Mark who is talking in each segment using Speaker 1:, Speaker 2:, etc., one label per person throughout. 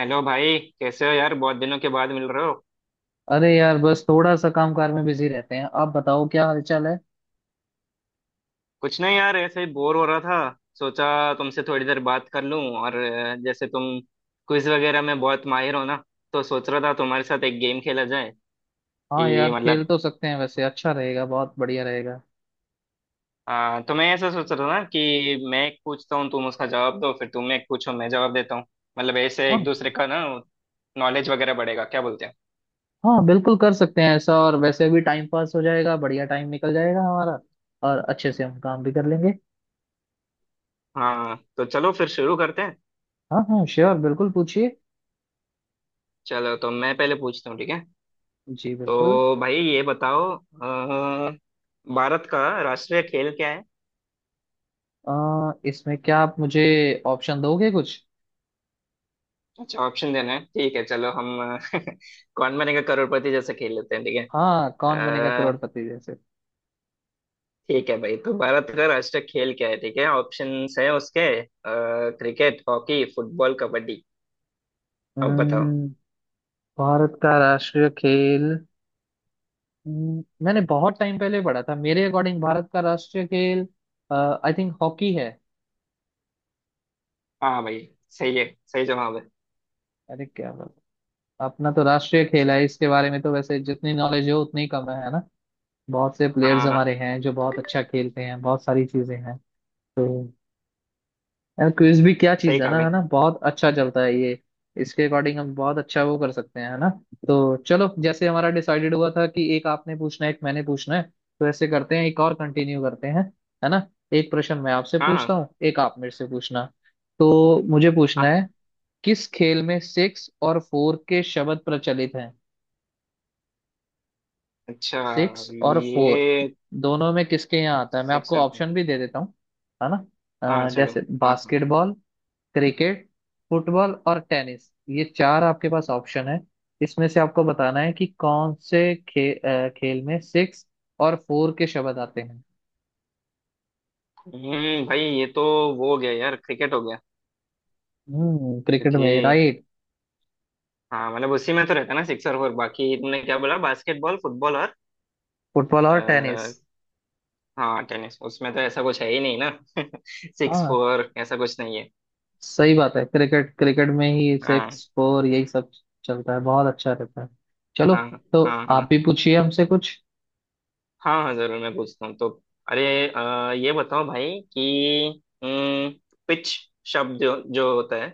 Speaker 1: Hello भाई, कैसे हो यार। बहुत दिनों के बाद मिल रहे हो।
Speaker 2: अरे यार, बस थोड़ा सा कामकाज में बिजी रहते हैं। आप बताओ क्या हालचाल है।
Speaker 1: कुछ नहीं यार, ऐसे ही बोर हो रहा था। सोचा तुमसे थोड़ी देर बात कर लूं। और जैसे तुम क्विज वगैरह में बहुत माहिर हो ना, तो सोच रहा था तुम्हारे साथ एक गेम खेला जाए।
Speaker 2: हाँ
Speaker 1: कि
Speaker 2: यार, खेल
Speaker 1: मतलब
Speaker 2: तो सकते हैं, वैसे अच्छा रहेगा, बहुत बढ़िया रहेगा।
Speaker 1: तो मैं ऐसा सोच रहा था ना कि मैं एक पूछता हूँ, तुम उसका जवाब दो, फिर तुम एक पूछो, मैं जवाब देता हूँ। मतलब ऐसे एक
Speaker 2: हाँ
Speaker 1: दूसरे का ना नॉलेज वगैरह बढ़ेगा, क्या बोलते हैं।
Speaker 2: हाँ बिल्कुल कर सकते हैं ऐसा, और वैसे भी टाइम पास हो जाएगा, बढ़िया टाइम निकल जाएगा हमारा, और अच्छे से हम काम भी कर लेंगे।
Speaker 1: हाँ तो चलो फिर शुरू करते हैं।
Speaker 2: हाँ हाँ श्योर, बिल्कुल पूछिए।
Speaker 1: चलो तो मैं पहले पूछता हूँ, ठीक है।
Speaker 2: जी बिल्कुल।
Speaker 1: तो भाई ये बताओ अ, भारत का राष्ट्रीय खेल क्या है।
Speaker 2: इसमें क्या आप मुझे ऑप्शन दोगे कुछ?
Speaker 1: अच्छा, ऑप्शन देना है, ठीक है, चलो हम कौन बनेगा करोड़पति जैसा खेल लेते हैं, ठीक है।
Speaker 2: हाँ, कौन बनेगा
Speaker 1: अ,
Speaker 2: करोड़पति जैसे।
Speaker 1: ठीक है भाई, तो भारत का राष्ट्रीय खेल क्या है, ठीक है। ऑप्शंस है उसके क्रिकेट, हॉकी, फुटबॉल, कबड्डी। अब बताओ।
Speaker 2: हम्म, भारत का राष्ट्रीय खेल। मैंने बहुत टाइम पहले पढ़ा था, मेरे अकॉर्डिंग भारत का राष्ट्रीय खेल आई थिंक हॉकी है।
Speaker 1: हाँ भाई, सही है, सही जवाब है।
Speaker 2: अरे क्या बात! अपना तो राष्ट्रीय खेल है, इसके बारे में तो वैसे जितनी नॉलेज हो उतनी कम है ना। बहुत से
Speaker 1: हाँ,
Speaker 2: प्लेयर्स
Speaker 1: हाँ,
Speaker 2: हमारे
Speaker 1: हाँ।
Speaker 2: हैं जो बहुत अच्छा खेलते हैं, बहुत सारी चीजें हैं। तो यार, क्विज भी क्या
Speaker 1: सही
Speaker 2: चीज है
Speaker 1: कहा
Speaker 2: ना, है
Speaker 1: भाई।
Speaker 2: ना, बहुत अच्छा चलता है ये। इसके अकॉर्डिंग हम बहुत अच्छा वो कर सकते हैं, है ना। तो चलो, जैसे हमारा डिसाइडेड हुआ था कि एक आपने पूछना है एक मैंने पूछना है, तो ऐसे करते हैं, एक और कंटिन्यू करते हैं, है ना। एक प्रश्न मैं आपसे
Speaker 1: हाँ,
Speaker 2: पूछता
Speaker 1: हाँ,
Speaker 2: हूँ, एक आप मेरे से पूछना। तो मुझे पूछना
Speaker 1: हाँ।
Speaker 2: है, किस खेल में सिक्स और फोर के शब्द प्रचलित हैं?
Speaker 1: अच्छा,
Speaker 2: सिक्स और फोर
Speaker 1: ये
Speaker 2: दोनों में किसके यहाँ आता है? मैं
Speaker 1: सिक्स।
Speaker 2: आपको ऑप्शन भी दे देता हूँ, है ना।
Speaker 1: हाँ चलो।
Speaker 2: जैसे
Speaker 1: हाँ, हाँ।
Speaker 2: बास्केटबॉल, क्रिकेट, फुटबॉल और टेनिस, ये चार आपके पास ऑप्शन है। इसमें से आपको बताना है कि कौन से खे, अ, खेल में सिक्स और फोर के शब्द आते हैं।
Speaker 1: भाई, ये तो वो हो गया यार, क्रिकेट हो गया।
Speaker 2: हम्म, क्रिकेट में,
Speaker 1: क्योंकि
Speaker 2: राइट।
Speaker 1: हाँ मतलब उसी में तो रहता है ना सिक्स और फोर। बाकी तुमने क्या बोला, बास्केटबॉल, फुटबॉल और
Speaker 2: फुटबॉल और टेनिस।
Speaker 1: आ, हाँ टेनिस। उसमें तो ऐसा कुछ है ही नहीं ना। सिक्स
Speaker 2: हाँ,
Speaker 1: फोर ऐसा कुछ नहीं है।
Speaker 2: सही बात है, क्रिकेट, में ही
Speaker 1: हाँ,
Speaker 2: सिक्स फोर यही सब चलता है, बहुत अच्छा रहता है। चलो,
Speaker 1: हाँ,
Speaker 2: तो
Speaker 1: हाँ, हाँ।
Speaker 2: आप भी पूछिए हमसे कुछ।
Speaker 1: हाँ, हाँ, जरूर। मैं पूछता हूँ, तो अरे ये बताओ भाई कि पिच शब्द जो होता है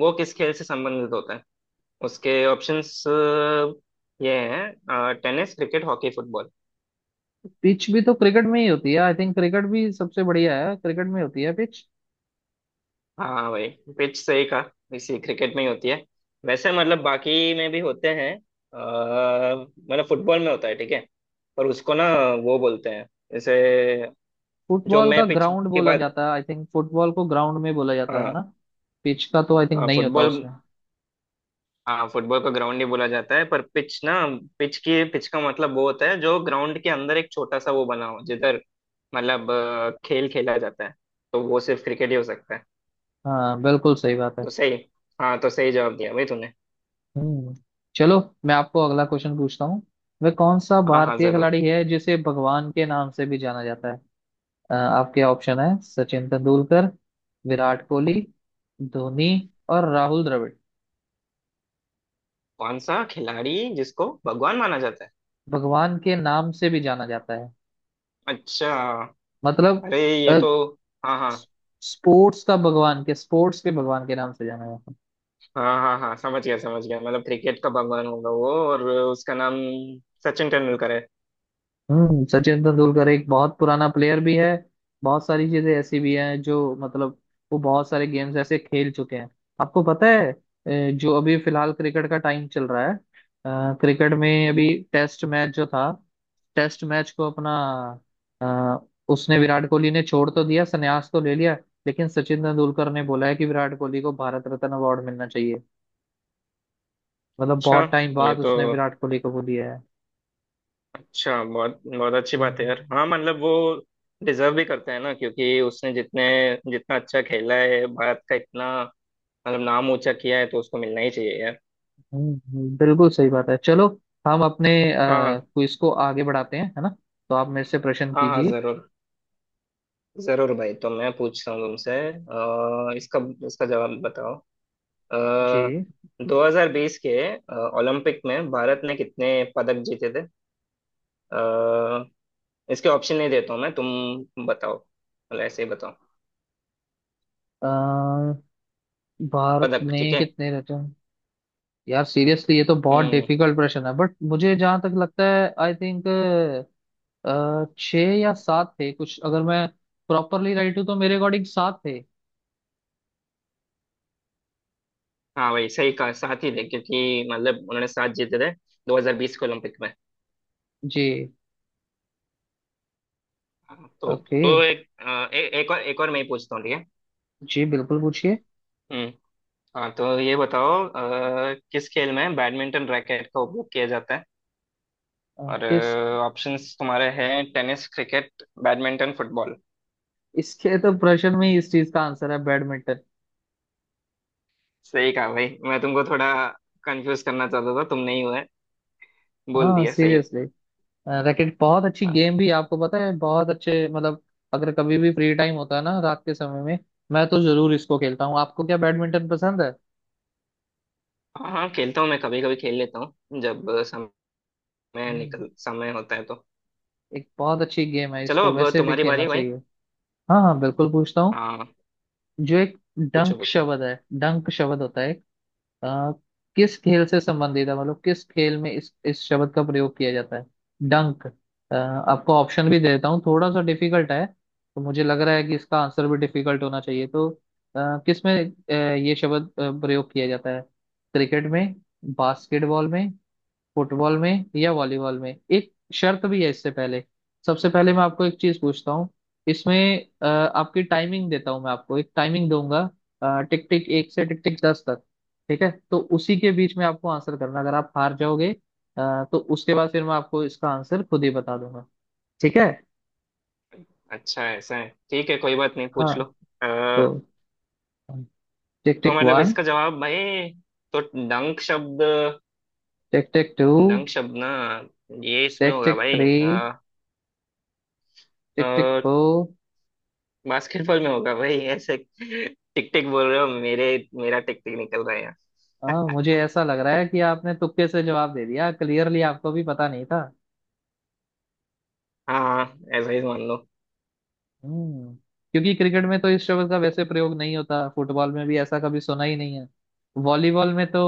Speaker 1: वो किस खेल से संबंधित होता है। उसके ऑप्शंस ये हैं tennis, cricket, hockey, football.
Speaker 2: Pitch भी तो क्रिकेट में ही होती है, आई थिंक क्रिकेट भी सबसे बढ़िया है, क्रिकेट में होती है पिच।
Speaker 1: हाँ भाई, पिच से ही कहा, इसी क्रिकेट में ही होती है। वैसे मतलब बाकी में भी होते हैं। मतलब फुटबॉल में होता है, ठीक है। पर उसको ना, वो बोलते हैं जैसे, जो
Speaker 2: फुटबॉल का
Speaker 1: मैं पिच
Speaker 2: ग्राउंड
Speaker 1: की
Speaker 2: बोला
Speaker 1: बात।
Speaker 2: जाता है, आई थिंक फुटबॉल को ग्राउंड में बोला जाता है
Speaker 1: हाँ।
Speaker 2: ना, पिच का तो आई थिंक
Speaker 1: हाँ
Speaker 2: नहीं होता
Speaker 1: फुटबॉल।
Speaker 2: उसमें।
Speaker 1: हाँ, फुटबॉल को ग्राउंड ही बोला जाता है, पर पिच ना। पिच की, पिच का मतलब वो होता है जो ग्राउंड के अंदर एक छोटा सा वो बना हो जिधर मतलब खेल खेला जाता है। तो वो सिर्फ क्रिकेट ही हो सकता है।
Speaker 2: हाँ बिल्कुल सही बात है।
Speaker 1: तो सही। हाँ, तो सही जवाब दिया भाई तूने।
Speaker 2: हम्म, चलो, मैं आपको अगला क्वेश्चन पूछता हूँ। वह कौन सा
Speaker 1: हाँ, हाँ,
Speaker 2: भारतीय
Speaker 1: जरूर।
Speaker 2: खिलाड़ी है जिसे भगवान के नाम से भी जाना जाता है? आपके ऑप्शन है सचिन तेंदुलकर, विराट कोहली, धोनी और राहुल द्रविड़।
Speaker 1: कौन सा खिलाड़ी जिसको भगवान माना जाता है।
Speaker 2: भगवान के नाम से भी जाना जाता है,
Speaker 1: अच्छा।
Speaker 2: मतलब
Speaker 1: अरे, ये तो, हाँ, हाँ,
Speaker 2: स्पोर्ट्स का भगवान, के स्पोर्ट्स के भगवान के नाम से जाना जाता है।
Speaker 1: हाँ, हाँ, हाँ, समझ गया, समझ गया। मतलब क्रिकेट का भगवान होगा वो और उसका नाम सचिन तेंदुलकर है।
Speaker 2: हम्म, सचिन तेंदुलकर एक बहुत पुराना प्लेयर भी है, बहुत सारी चीजें ऐसी भी हैं जो मतलब, वो बहुत सारे गेम्स ऐसे खेल चुके हैं। आपको पता है, जो अभी फिलहाल क्रिकेट का टाइम चल रहा है, क्रिकेट में अभी टेस्ट मैच जो था, टेस्ट मैच को अ, उसने, विराट कोहली ने, छोड़ तो दिया, संन्यास तो ले लिया। लेकिन सचिन तेंदुलकर ने बोला है कि विराट कोहली को भारत रत्न अवार्ड मिलना चाहिए, मतलब
Speaker 1: अच्छा,
Speaker 2: बहुत टाइम
Speaker 1: ये
Speaker 2: बाद
Speaker 1: तो
Speaker 2: उसने विराट कोहली को वो दिया
Speaker 1: अच्छा, बहुत बहुत अच्छी बात है
Speaker 2: है।
Speaker 1: यार। हाँ मतलब वो डिजर्व भी करते हैं ना, क्योंकि उसने जितने, जितना अच्छा खेला है, भारत का इतना मतलब नाम ऊंचा किया है, तो उसको मिलना ही चाहिए यार।
Speaker 2: बिल्कुल सही बात है। चलो, हम अपने
Speaker 1: हाँ,
Speaker 2: क्विज को आगे बढ़ाते हैं, है ना। तो आप मेरे से प्रश्न
Speaker 1: हाँ, हाँ,
Speaker 2: कीजिए।
Speaker 1: जरूर। जरूर भाई, तो मैं पूछता हूँ तुमसे, इसका, इसका जवाब बताओ। अ,
Speaker 2: जी।
Speaker 1: 2020 के ओलंपिक में भारत ने कितने पदक जीते थे। अ, इसके ऑप्शन नहीं देता हूँ मैं, तुम बताओ, मतलब ऐसे ही बताओ।
Speaker 2: अ, भारत
Speaker 1: पदक, ठीक
Speaker 2: में
Speaker 1: है।
Speaker 2: कितने रहते हैं? यार सीरियसली, ये तो बहुत
Speaker 1: हम्म।
Speaker 2: डिफिकल्ट प्रश्न है, बट मुझे जहां तक लगता है, आई थिंक छः या सात थे कुछ, अगर मैं प्रॉपरली राइट हूँ तो मेरे अकॉर्डिंग सात थे।
Speaker 1: हाँ भाई, सही कहा, साथ ही थे क्योंकि मतलब उन्होंने 7 जीते थे 2020 के ओलंपिक में।
Speaker 2: जी।
Speaker 1: हाँ, तो
Speaker 2: ओके।
Speaker 1: तो एक एक और मैं ही पूछता हूँ, ठीक है।
Speaker 2: जी बिल्कुल, पूछिए।
Speaker 1: हम्म। हाँ, तो ये बताओ किस खेल में बैडमिंटन रैकेट का उपयोग किया जाता है।
Speaker 2: अ,
Speaker 1: और
Speaker 2: किस
Speaker 1: ऑप्शंस तुम्हारे हैं टेनिस, क्रिकेट, बैडमिंटन, फुटबॉल।
Speaker 2: इसके तो प्रश्न में ही इस चीज का आंसर है, बैडमिंटन।
Speaker 1: सही कहा भाई, मैं तुमको थोड़ा कंफ्यूज करना चाहता था, तुमने ही है बोल
Speaker 2: हाँ
Speaker 1: दिया सही।
Speaker 2: सीरियसली, रैकेट बहुत अच्छी
Speaker 1: हाँ,
Speaker 2: गेम भी है, आपको पता है, बहुत अच्छे मतलब, अगर कभी भी फ्री टाइम होता है ना रात के समय में, मैं तो जरूर इसको खेलता हूँ। आपको क्या बैडमिंटन पसंद है?
Speaker 1: हाँ, खेलता हूँ। मैं कभी कभी खेल लेता हूँ, जब समय
Speaker 2: हम्म,
Speaker 1: निकल, समय होता है तो।
Speaker 2: एक बहुत अच्छी गेम है,
Speaker 1: चलो,
Speaker 2: इसको
Speaker 1: अब
Speaker 2: वैसे भी
Speaker 1: तुम्हारी बारी
Speaker 2: खेलना
Speaker 1: है भाई।
Speaker 2: चाहिए। हाँ हाँ, बिल्कुल पूछता हूँ।
Speaker 1: हाँ,
Speaker 2: जो एक
Speaker 1: पूछो,
Speaker 2: डंक
Speaker 1: पूछो।
Speaker 2: शब्द है, डंक शब्द होता है आ, किस खेल से संबंधित है, मतलब किस खेल में इस शब्द का प्रयोग किया जाता है, डंक? आपको ऑप्शन भी देता हूँ, थोड़ा सा डिफिकल्ट है, तो मुझे लग रहा है कि इसका आंसर भी डिफिकल्ट होना चाहिए। तो आ, किस में आ, ये शब्द प्रयोग किया जाता है क्रिकेट में, बास्केटबॉल में, फुटबॉल में या वॉलीबॉल में? एक शर्त भी है इससे पहले। सबसे पहले मैं आपको एक चीज पूछता हूँ इसमें, आपकी टाइमिंग देता हूँ, मैं आपको एक टाइमिंग दूंगा, टिक टिक एक से टिक टिक दस तक, ठीक है? तो उसी के बीच में आपको आंसर करना। अगर आप हार जाओगे, तो उसके बाद फिर मैं आपको इसका आंसर खुद ही बता दूंगा, ठीक है?
Speaker 1: अच्छा ऐसा है, ठीक है, कोई बात नहीं,
Speaker 2: हाँ,
Speaker 1: पूछ लो।
Speaker 2: तो
Speaker 1: अ,
Speaker 2: टिक
Speaker 1: तो
Speaker 2: टिक
Speaker 1: मतलब
Speaker 2: वन।
Speaker 1: इसका जवाब भाई, तो डंक शब्द,
Speaker 2: टिक टिक टू।
Speaker 1: डंक शब्द ना, ये इसमें
Speaker 2: टिक
Speaker 1: होगा
Speaker 2: टिक
Speaker 1: भाई,
Speaker 2: three. Tick tick four.
Speaker 1: Basketball में होगा भाई। ऐसे टिक टिक बोल रहे हो, मेरे, मेरा टिक टिक निकल रहा है।
Speaker 2: हाँ, मुझे ऐसा लग रहा है कि आपने तुक्के से जवाब दे दिया, क्लियरली आपको भी पता नहीं था।
Speaker 1: हाँ, ऐसा ही मान लो।
Speaker 2: हम्म, क्योंकि क्रिकेट में तो इस शब्द का वैसे प्रयोग नहीं होता, फुटबॉल में भी ऐसा कभी सुना ही नहीं है, वॉलीबॉल में तो,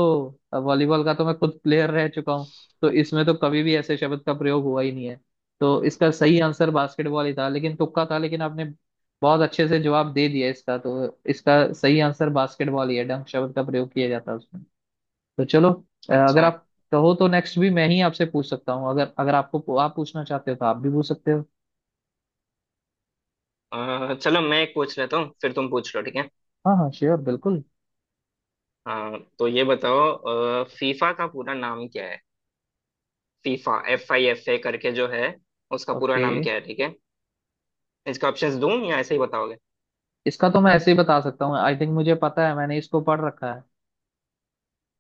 Speaker 2: वॉलीबॉल का तो मैं खुद प्लेयर रह चुका हूँ, तो इसमें तो कभी भी ऐसे शब्द का प्रयोग हुआ ही नहीं है। तो इसका सही आंसर बास्केटबॉल ही था, लेकिन तुक्का था, लेकिन आपने बहुत अच्छे से जवाब दे दिया, इसका तो, इसका सही आंसर बास्केटबॉल ही है, डंक शब्द का प्रयोग किया जाता है उसमें। तो चलो, अगर
Speaker 1: अच्छा।
Speaker 2: आप कहो तो नेक्स्ट भी मैं ही आपसे पूछ सकता हूँ, अगर अगर आपको, आप पूछना चाहते हो तो आप भी पूछ सकते हो।
Speaker 1: चलो मैं एक पूछ लेता हूँ, फिर तुम पूछ लो, ठीक है।
Speaker 2: हाँ हाँ श्योर, बिल्कुल।
Speaker 1: हाँ, तो ये बताओ फीफा का पूरा नाम क्या है। FIFA, F I F A करके जो है, उसका पूरा
Speaker 2: ओके,
Speaker 1: नाम क्या है, ठीक है। इसका ऑप्शंस दूं या ऐसे ही बताओगे।
Speaker 2: इसका तो मैं ऐसे ही बता सकता हूँ, आई थिंक मुझे पता है, मैंने इसको पढ़ रखा है।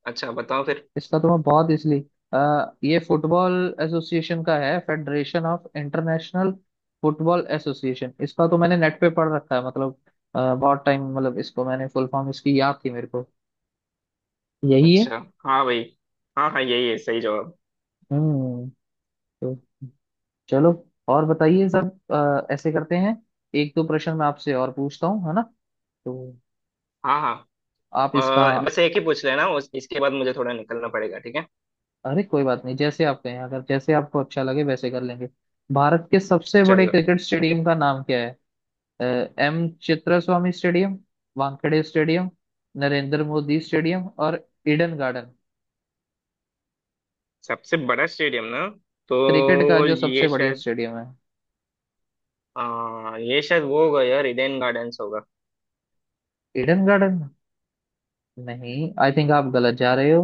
Speaker 1: अच्छा, बताओ फिर।
Speaker 2: इसका तो मैं बहुत इसलिए, ये फुटबॉल एसोसिएशन का है, federation of international football association. इसका तो मैंने नेट पे पढ़ रखा है, मतलब बहुत टाइम, मतलब इसको, मैंने फुल फॉर्म इसकी याद थी मेरे को, यही है।
Speaker 1: अच्छा, हाँ भाई, हाँ, हाँ, यही है सही जवाब।
Speaker 2: हम्म, तो चलो, और बताइए सब। ऐसे करते हैं, एक दो प्रश्न मैं आपसे और पूछता हूँ, है ना। तो
Speaker 1: हाँ,
Speaker 2: आप इसका,
Speaker 1: हाँ। बस एक ही पूछ लेना, उस इसके बाद मुझे थोड़ा निकलना पड़ेगा, ठीक है।
Speaker 2: अरे कोई बात नहीं, जैसे आप कहें, अगर जैसे आपको अच्छा लगे वैसे कर लेंगे। भारत के सबसे बड़े
Speaker 1: चलो,
Speaker 2: क्रिकेट स्टेडियम का नाम क्या है? M Chinnaswamy stadium, Wankhede stadium, Narendra Modi stadium और ईडन गार्डन।
Speaker 1: सबसे बड़ा स्टेडियम ना,
Speaker 2: क्रिकेट का
Speaker 1: तो
Speaker 2: जो
Speaker 1: ये
Speaker 2: सबसे बढ़िया
Speaker 1: शायद
Speaker 2: स्टेडियम है,
Speaker 1: ये शायद वो होगा यार, इडेन गार्डन्स होगा।
Speaker 2: ईडन गार्डन नहीं, आई थिंक आप गलत जा रहे हो।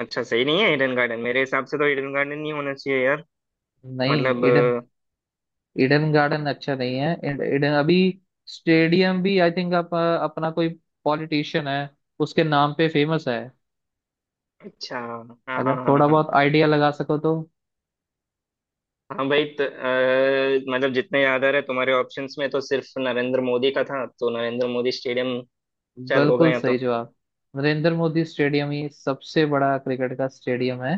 Speaker 1: अच्छा, सही नहीं है ईडन गार्डन। मेरे हिसाब से तो ईडन गार्डन नहीं होना चाहिए यार।
Speaker 2: नहीं,
Speaker 1: मतलब
Speaker 2: ईडन, ईडन गार्डन अच्छा नहीं है। ईडन, अभी स्टेडियम भी, आई थिंक आप, अपना कोई पॉलिटिशियन है उसके नाम पे फेमस है।
Speaker 1: अच्छा, हाँ,
Speaker 2: अगर
Speaker 1: हाँ, हाँ,
Speaker 2: थोड़ा
Speaker 1: हाँ।
Speaker 2: बहुत आइडिया लगा सको तो।
Speaker 1: हाँ भाई, मतलब जितने याद आ रहे तुम्हारे ऑप्शंस में, तो सिर्फ नरेंद्र मोदी का था, तो नरेंद्र मोदी स्टेडियम शायद होगा
Speaker 2: बिल्कुल
Speaker 1: या तो।
Speaker 2: सही जवाब। नरेंद्र मोदी स्टेडियम ही सबसे बड़ा क्रिकेट का स्टेडियम है,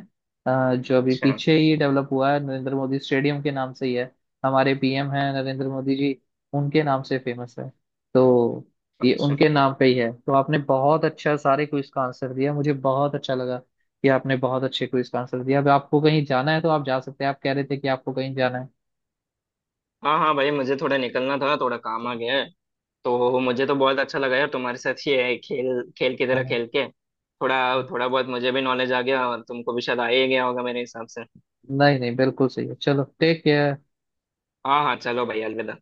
Speaker 2: जो अभी
Speaker 1: अच्छा।
Speaker 2: पीछे ही डेवलप हुआ है, नरेंद्र मोदी स्टेडियम के नाम से ही है। हमारे पीएम हैं नरेंद्र मोदी जी, उनके नाम से फेमस है। तो ये
Speaker 1: अच्छा,
Speaker 2: उनके नाम पे ही है। तो आपने बहुत अच्छा सारे क्विज का आंसर दिया, मुझे बहुत अच्छा लगा कि आपने बहुत अच्छे क्विज का आंसर दिया। अब आपको कहीं जाना है तो आप जा सकते हैं, आप कह रहे थे कि आपको कहीं जाना
Speaker 1: हाँ, हाँ भाई, मुझे थोड़ा निकलना था, थोड़ा काम आ गया है। तो मुझे तो बहुत अच्छा लगा यार तुम्हारे साथ, ये खेल खेल की तरह
Speaker 2: है।
Speaker 1: खेल के थोड़ा थोड़ा बहुत मुझे भी नॉलेज आ गया और तुमको भी शायद आ ही गया होगा मेरे हिसाब से।
Speaker 2: नहीं नहीं, बिल्कुल सही है। चलो, टेक केयर।
Speaker 1: हाँ, हाँ, चलो भाई, अलविदा।